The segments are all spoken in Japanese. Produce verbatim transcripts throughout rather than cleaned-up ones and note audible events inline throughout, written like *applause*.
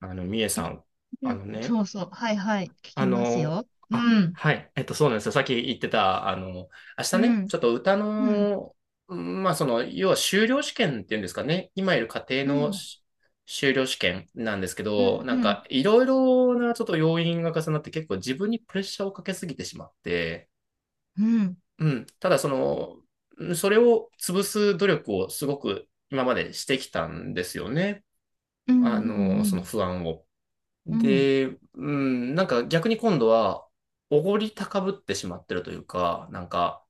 あの、みえさえ、ん、あうん、のね、そうそう。はいはい。聞あきますの、よ。うあ、ん。はい、えっと、そうなんですよ。さっき言ってた、あの、明日うね、ん。ちょっと歌うん。の、うんまあ、その、要は修了試験っていうんですかね、今いる家庭うのん。し修了試験なんですけうど、ん。なうんん。か、いろいろなちょっと要因が重なって、結構自分にプレッシャーをかけすぎてしまって、うん。うん、ただ、その、うんそれを潰す努力をすごく今までしてきたんですよね。うあん。うの、そのん。不安を。うん。で、うん、なんか逆に今度は、おごり高ぶってしまってるというか、なんか、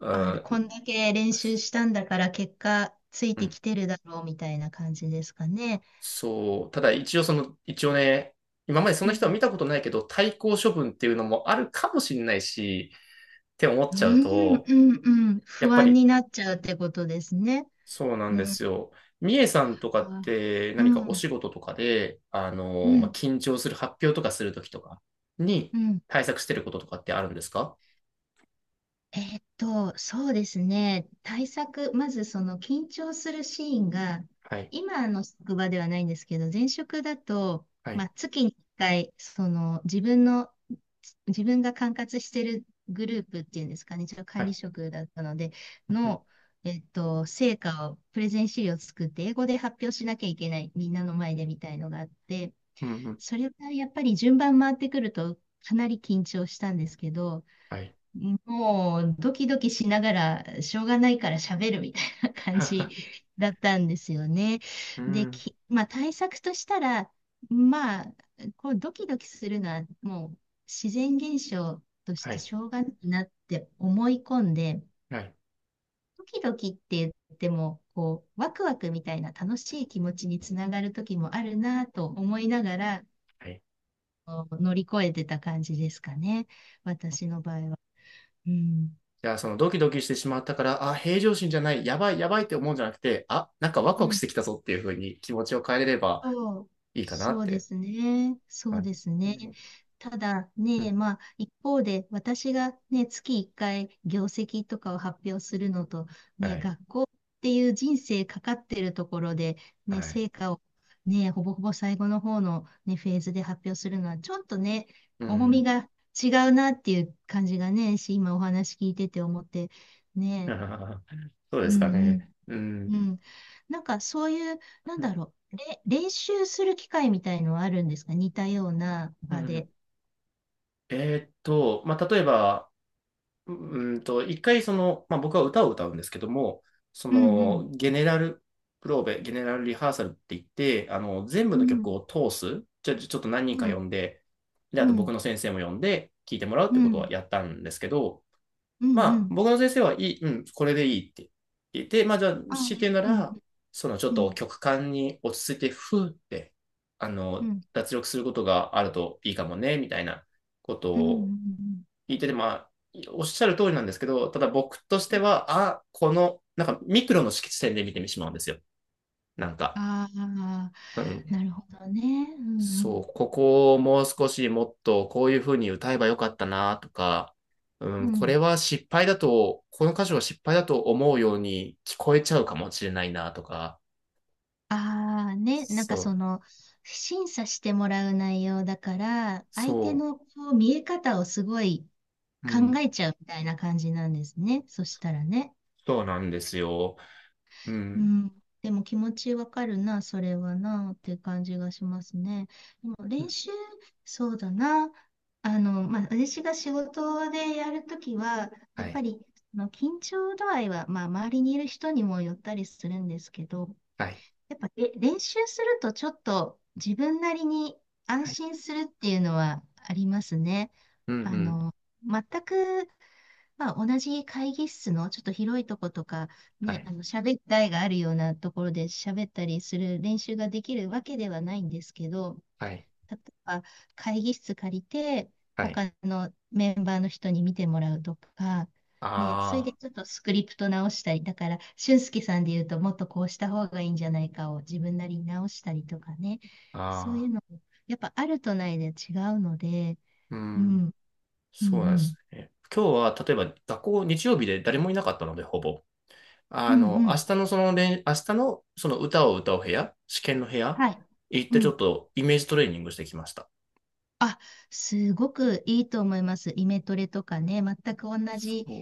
うあれ、こんん、だけ練習したんだから結果ついうてん、きてるだろうみたいな感じですかね。そう、ただ一応その、一応ね、今までそうの人は見ん。たことないけど、対抗処分っていうのもあるかもしれないし、って思っうちゃうん。と、うん。うんやっ不ぱ安り、になっちゃうってことですね。そうなんうでん。すよ。みえさんとかっあ、てう何かおん。仕事とかで、あうの、まあ、ん。緊張する発表とかするときとかにうん。対策してることとかってあるんですか？えーっと、そうですね。対策、まずその緊張するシーンが、はい。今の職場ではないんですけど、前職だと、はまい。あ、月にいっかい、その自分の、自分が管轄してるグループっていうんですかね、一応は管理い。職だったので、うんうんの、えーっと、成果を、プレゼン資料を作って、英語で発表しなきゃいけない、みんなの前でみたいのがあって、うんうんそれがやっぱり順番回ってくると、かなり緊張したんですけど、はい。もうドキドキしながら、しょうがないから喋るみたいな感じ *laughs* だったんですよね。うで、ん。き、まあ対策としたら、まあ、こうドキドキするのはもう自然現象としはてい。しょうがないなって思い込んで、はい。ドキドキって言っても、こう、ワクワクみたいな楽しい気持ちにつながる時もあるなと思いながら、はい。こう乗り越えてた感じですかね。私の場合は。うん。じゃあ、そのドキドキしてしまったから、あ、平常心じゃない、やばい、やばいって思うんじゃなくて、あ、なんかワクワクしてきたぞっていうふうに気持ちを変えれればそう、いいかなそっうでて。すね。はそうですい。ね。ねただうね、ん。まあ、一方で、私がね、月いっかい業績とかを発表するのと、はね、い。学校っていう人生かかってるところで、はね、い。成果をね、ほぼほぼ最後の方のね、フェーズで発表するのは、ちょっとね、う重みん。が違うなっていう感じがね、し、今お話聞いてて思って、ね、*laughs* そううですかんね。うん。うん。うん。なんかそういう、なんだろう、れ、練習する機会みたいのはあるんですか、似たようなう場ん。で？えーっと、まあ、例えば、うんと、一回その、まあ、僕は歌を歌うんですけども、そうんうん。の、ゲネラルプローベ、ゲネラルリハーサルって言って、あの、全部うの曲ん。を通す、ちょ、ちょっと何人うか呼ん。んで、で、あうと僕ん。の先生も呼んで、聞いてもらうっうてことん。はやったんですけど、うん。まうあ、ん。僕の先生はいい、うん、これでいいって言って、まあ、じゃあ、あ、強いて言うなうん。ら、そのちょっうとん。曲間に落ち着いて、ふーって、あうの、ん。脱力することがあるといいかもね、みたいなことうをん。聞いてて、まあ、おっしゃる通りなんですけど、ただ僕としうてん。は、あ、この、なんかミクロの色地点で見てしまうんですよ。なんか、ああうー、ん。なるほどね。うんうそん。う、ここをもう少しもっとこういう風に歌えばよかったなとか、ううん、これん。は失敗だと、この歌詞は失敗だと思うように聞こえちゃうかもしれないなとか、ああ、ね。なんそかそう、の、審査してもらう内容だから、相手そのこう見え方をすごいう、う考ん、えちゃうみたいな感じなんですね。そしたらね。そうなんですよ。ううん、ん。でも気持ちわかるな、それはな、って感じがしますね。でもう練ん習、そうだな。あの、まあ、私が仕事でやるときは、やはっぱい、り、あの緊張度合いは、まあ、周りにいる人にもよったりするんですけど、はい、やっぱ、え、練習するとちょっと自分なりに安はい、心するっていうのはありますね。うん、うあん、の、全くまあ、同じ会議室のちょっと広いとことか、はね、い、あの、喋ったいがあるようなところで喋ったりする練習ができるわけではないんですけど、はい、例えば会議室借りて、はい、他のメンバーの人に見てもらうとか、ね、それであちょっとスクリプト直したり、だから、俊介さんで言うと、もっとこうした方がいいんじゃないかを自分なりに直したりとかね、あ、そういうああ。の、やっぱあるとないで違うので、ううん、ん、うん、うそうなんでん、すね。今日は、例えば、学校、日曜日で誰もいなかったので、ほぼ。うあん、の、う明ん、日のその練、明日のその歌を歌う部屋、試験の部屋、はい。行っうてちょん。っとイメージトレーニングしてきました。あ、すごくいいと思います。イメトレとかね、全く同じそ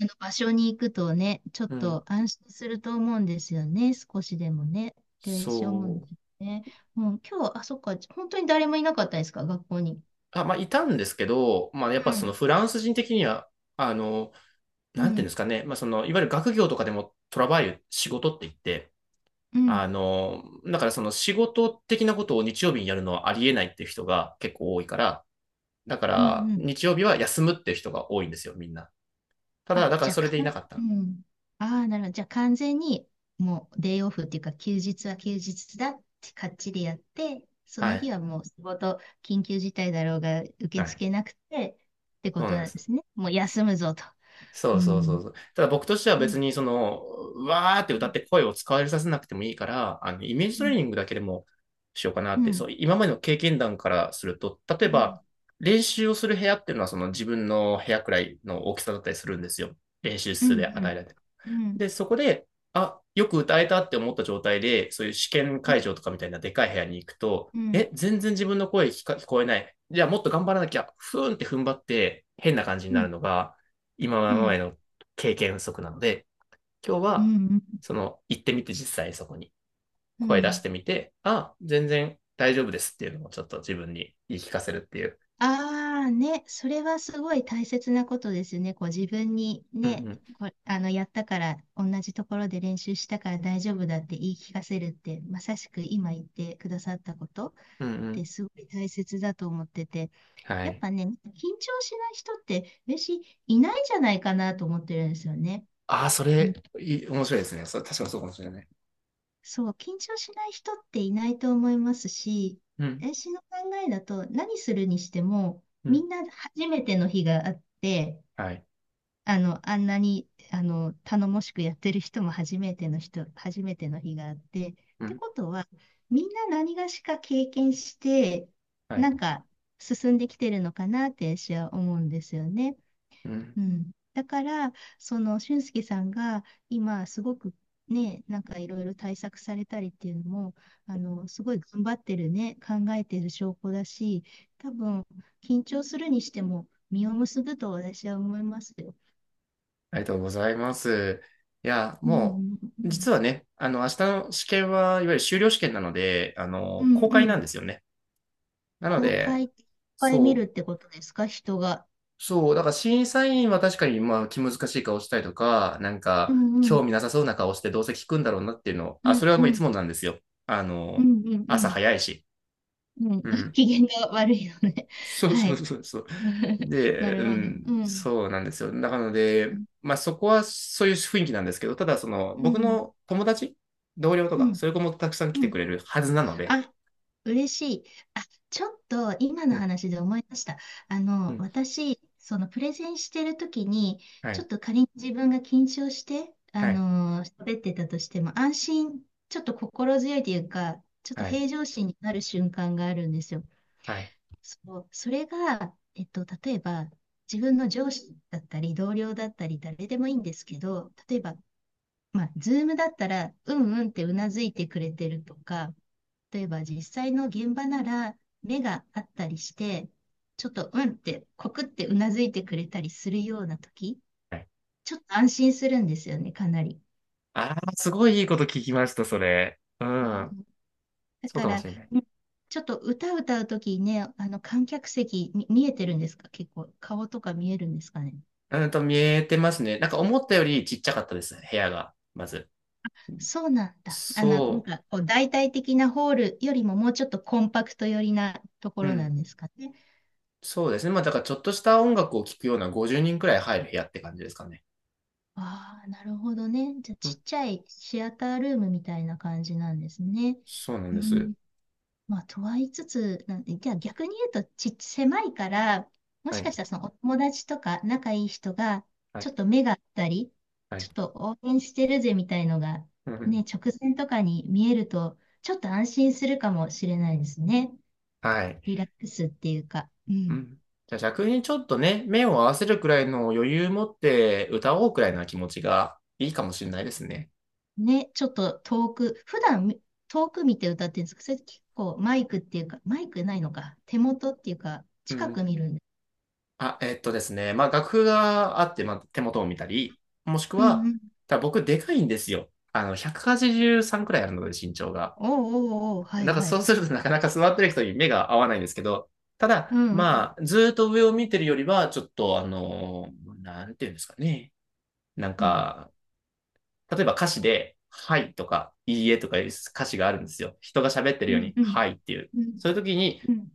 あの場所に行くとね、ちょっう。うん。と安心すると思うんですよね、少しでもね。で、しょうもんそう。ね。もう今日、あ、そっか、本当に誰もいなかったですか、学校に？あ、まあ、いたんですけど、まあ、やっうぱそのん、フランス人的には、あの、うなんていうんでん、すかね、まあ、その、いわゆる学業とかでもトラバイル、仕事って言って、うん、あの、だからその仕事的なことを日曜日にやるのはありえないっていう人が結構多いから、だかうん、ら、うん。日曜日は休むって人が多いんですよ、みんな。ただ、あ、だからじゃそれかでいん、なかっうた。ん、ああ、なるほど。じゃ完全にもうデイオフっていうか休日は休日だってかっちりやって、そはの日い。はもう仕事緊急事態だろうが受けはい。付けなくてってそこうとなんでです。すね。もう休むぞと。そううそうそん。うそう。ただ僕としてはうん。別にその、うわーってう歌っん。て声を使われさせなくてもいいから、あの、イメージうトレーん。ニングだけでもしようかなうって、そん。う、今までの経験談からすると、例うえん。ば練習をする部屋っていうのはその自分の部屋くらいの大きさだったりするんですよ。練習う室で与えん。られて。うん。で、そこで、あ、よく歌えたって思った状態で、そういう試験うん。会場とかみたいなでかい部屋に行くと、うん。え、全然自分の声聞か聞こえない。じゃあもっと頑張らなきゃ、ふーんって踏ん張って変な感じにうなるん。のが、今までの経験不足なので、今日うは、ん。その、行ってみて実際そこにう声出しん。てみて、あ、全然大丈夫ですっていうのをちょっと自分に言い聞かせるっていう。ああね、それはすごい大切なことですね。こう自分にうんね、うん。こあのやったから、同じところで練習したから大丈夫だって言い聞かせるって、まさしく今言ってくださったことっうんうてん。すごい大切だと思ってて、はやっい。ぱね、緊張しない人って私いないんじゃないかなと思ってるんですよね。ああ、そうん、れ、いい面白いですね。それ確かにそうかもしれない。そう、緊張しない人っていないと思いますし、うん。私の考えだと何するにしても、うみん。んな初めての日があって、はい。あの、あんなに、あの、頼もしくやってる人も初めての人、初めての日があって、っうてんことは、みんな何がしか経験して、はい。なんか進んできてるのかなって私は思うんですよね。うん。うん。だから、その、俊介さんが今、すごくね、なんかいろいろ対策されたりっていうのも、あの、すごい頑張ってるね、考えてる証拠だし、多分、緊張するにしても、実を結ぶと私は思いますよ。ありがとうございます。いや、うもんうんうう、実ん。はね、あの、明日の試験は、いわゆる修了試験なので、あうの、ん公開うなんん。ですよね。なの公で、開いっぱい見るっそう、てことですか、人が？そう、だから審査員は確かに、まあ、気難しい顔したりとか、なんうか、んう興ん。味なさそうな顔してどうせ聞くんだろうなっていうのを、うあ、んそれはうもういつん。もなんですよ。あうの、んう朝ん早いし。うん。うん。う *laughs* ん。機嫌が悪いのね。*laughs* そうはそうい。そうそう。*laughs* なで、うるほど。うん、ん。そうなんですよ。だからので、うまあそこはそういう雰囲気なんですけど、ただその僕ん。の友達、同僚とうか、そん。ういう子もたくさん来うてくん。れるはずなので、あ、嬉しい。あ、ちょっと今のね話で思い出した。あうの、ん、私、そのプレゼンしてる時に、はちょっい、と仮に自分が緊張して、あはい、の、喋ってたとしても、安心、ちょっと心強いというか、ちょっとはい、平常心になる瞬間があるんですよ。はい、そう、それが、えっと、例えば、自分の上司だったり、同僚だったり、誰でもいいんですけど、例えば、まあ、ズームだったら、うんうんってうなずいてくれてるとか、例えば実際の現場なら目があったりして、ちょっとうんって、コクってうなずいてくれたりするような時、はい。ちょっと安心するんですよね、かなり。ああ、すごいいいこと聞きました、それ。ううん、ん、だそうかかもら、しれない。うん、ちょっと歌歌う時にね、あの観客席み見えてるんですか、結構顔とか見えるんですかね？うんと、見えてますね。なんか思ったよりちっちゃかったですね、部屋が、まず。そうなんだ。あの、なんそかこう大体的なホールよりももうちょっとコンパクト寄りなとこう、うろなん、んですかね。そうですね。まあだからちょっとした音楽を聴くようなごじゅうにんくらい入る部屋って感じですかね。ああ、なるほどね。じゃあ、ちっちゃいシアタールームみたいな感じなんですね。そうなんうです。ん。まあ、とは言いつつ、なんじゃあ逆に言うと、ち、狭いから、もはしい。かしたらそのお友達とか仲いい人が、はちょっい。と目があったり、はちょい。っと応援してるぜみたいのが、うね、ん。直前とかに見えると、ちょっと安心するかもしれないですね。はい。リラックスっていうか。ううん。ん。じゃあ逆にちょっとね、目を合わせるくらいの余裕持って歌おうくらいな気持ちがいいかもしれないですね。ね、ちょっと遠く、普段み遠く見て歌ってるんですけど、それ結構マイクっていうか、マイクないのか、手元っていうか、う近ん。く見るんで。あ、えっとですね。まあ楽譜があって、まあ、手元を見たり、もしくうんは、うん。ただ僕でかいんですよ。あの、ひゃくはちじゅうさんくはちじゅうさんくらいあるので身長が。おうおうおう、はいなんかはそい。うするとなかなか座ってる人に目が合わないんですけど、たうだ、んうん。まあ、ずーっと上を見てるよりは、ちょっと、あの、なんていうんですかね。なんうん。か、例えば歌詞で、はいとか、いいえとかいう歌詞があるんですよ。人が喋ってるうようんに、うん。はいっていう。うんそういう時に、うん。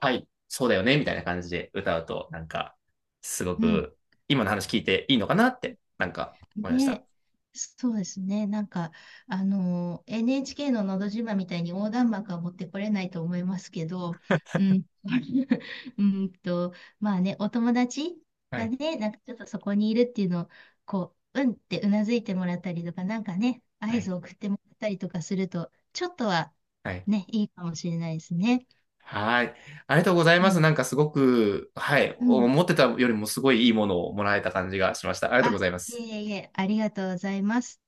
はい、そうだよね、みたいな感じで歌うと、なんか、すごうんく、今の話聞いていいのかなって、なんか、思いました。ね、そうですね。なんか、あの、エヌエイチケー ののど自慢みたいに横断幕は持ってこれないと思いますけど、うん、*laughs* うんと、まあね、お友達はがい、ね、なんかちょっとそこにいるっていうのを、こう、うんってうなずいてもらったりとか、なんかね、は合い、図を送ってもらったりとかすると、ちょっとははい。ね、いいかもしれないですね。はい。ありがとうございうます。ん、なんかすごく、はい、うん。思ってたよりもすごいいいものをもらえた感じがしました。ありがとうごあ、ざいまいす。えいえ、ありがとうございます。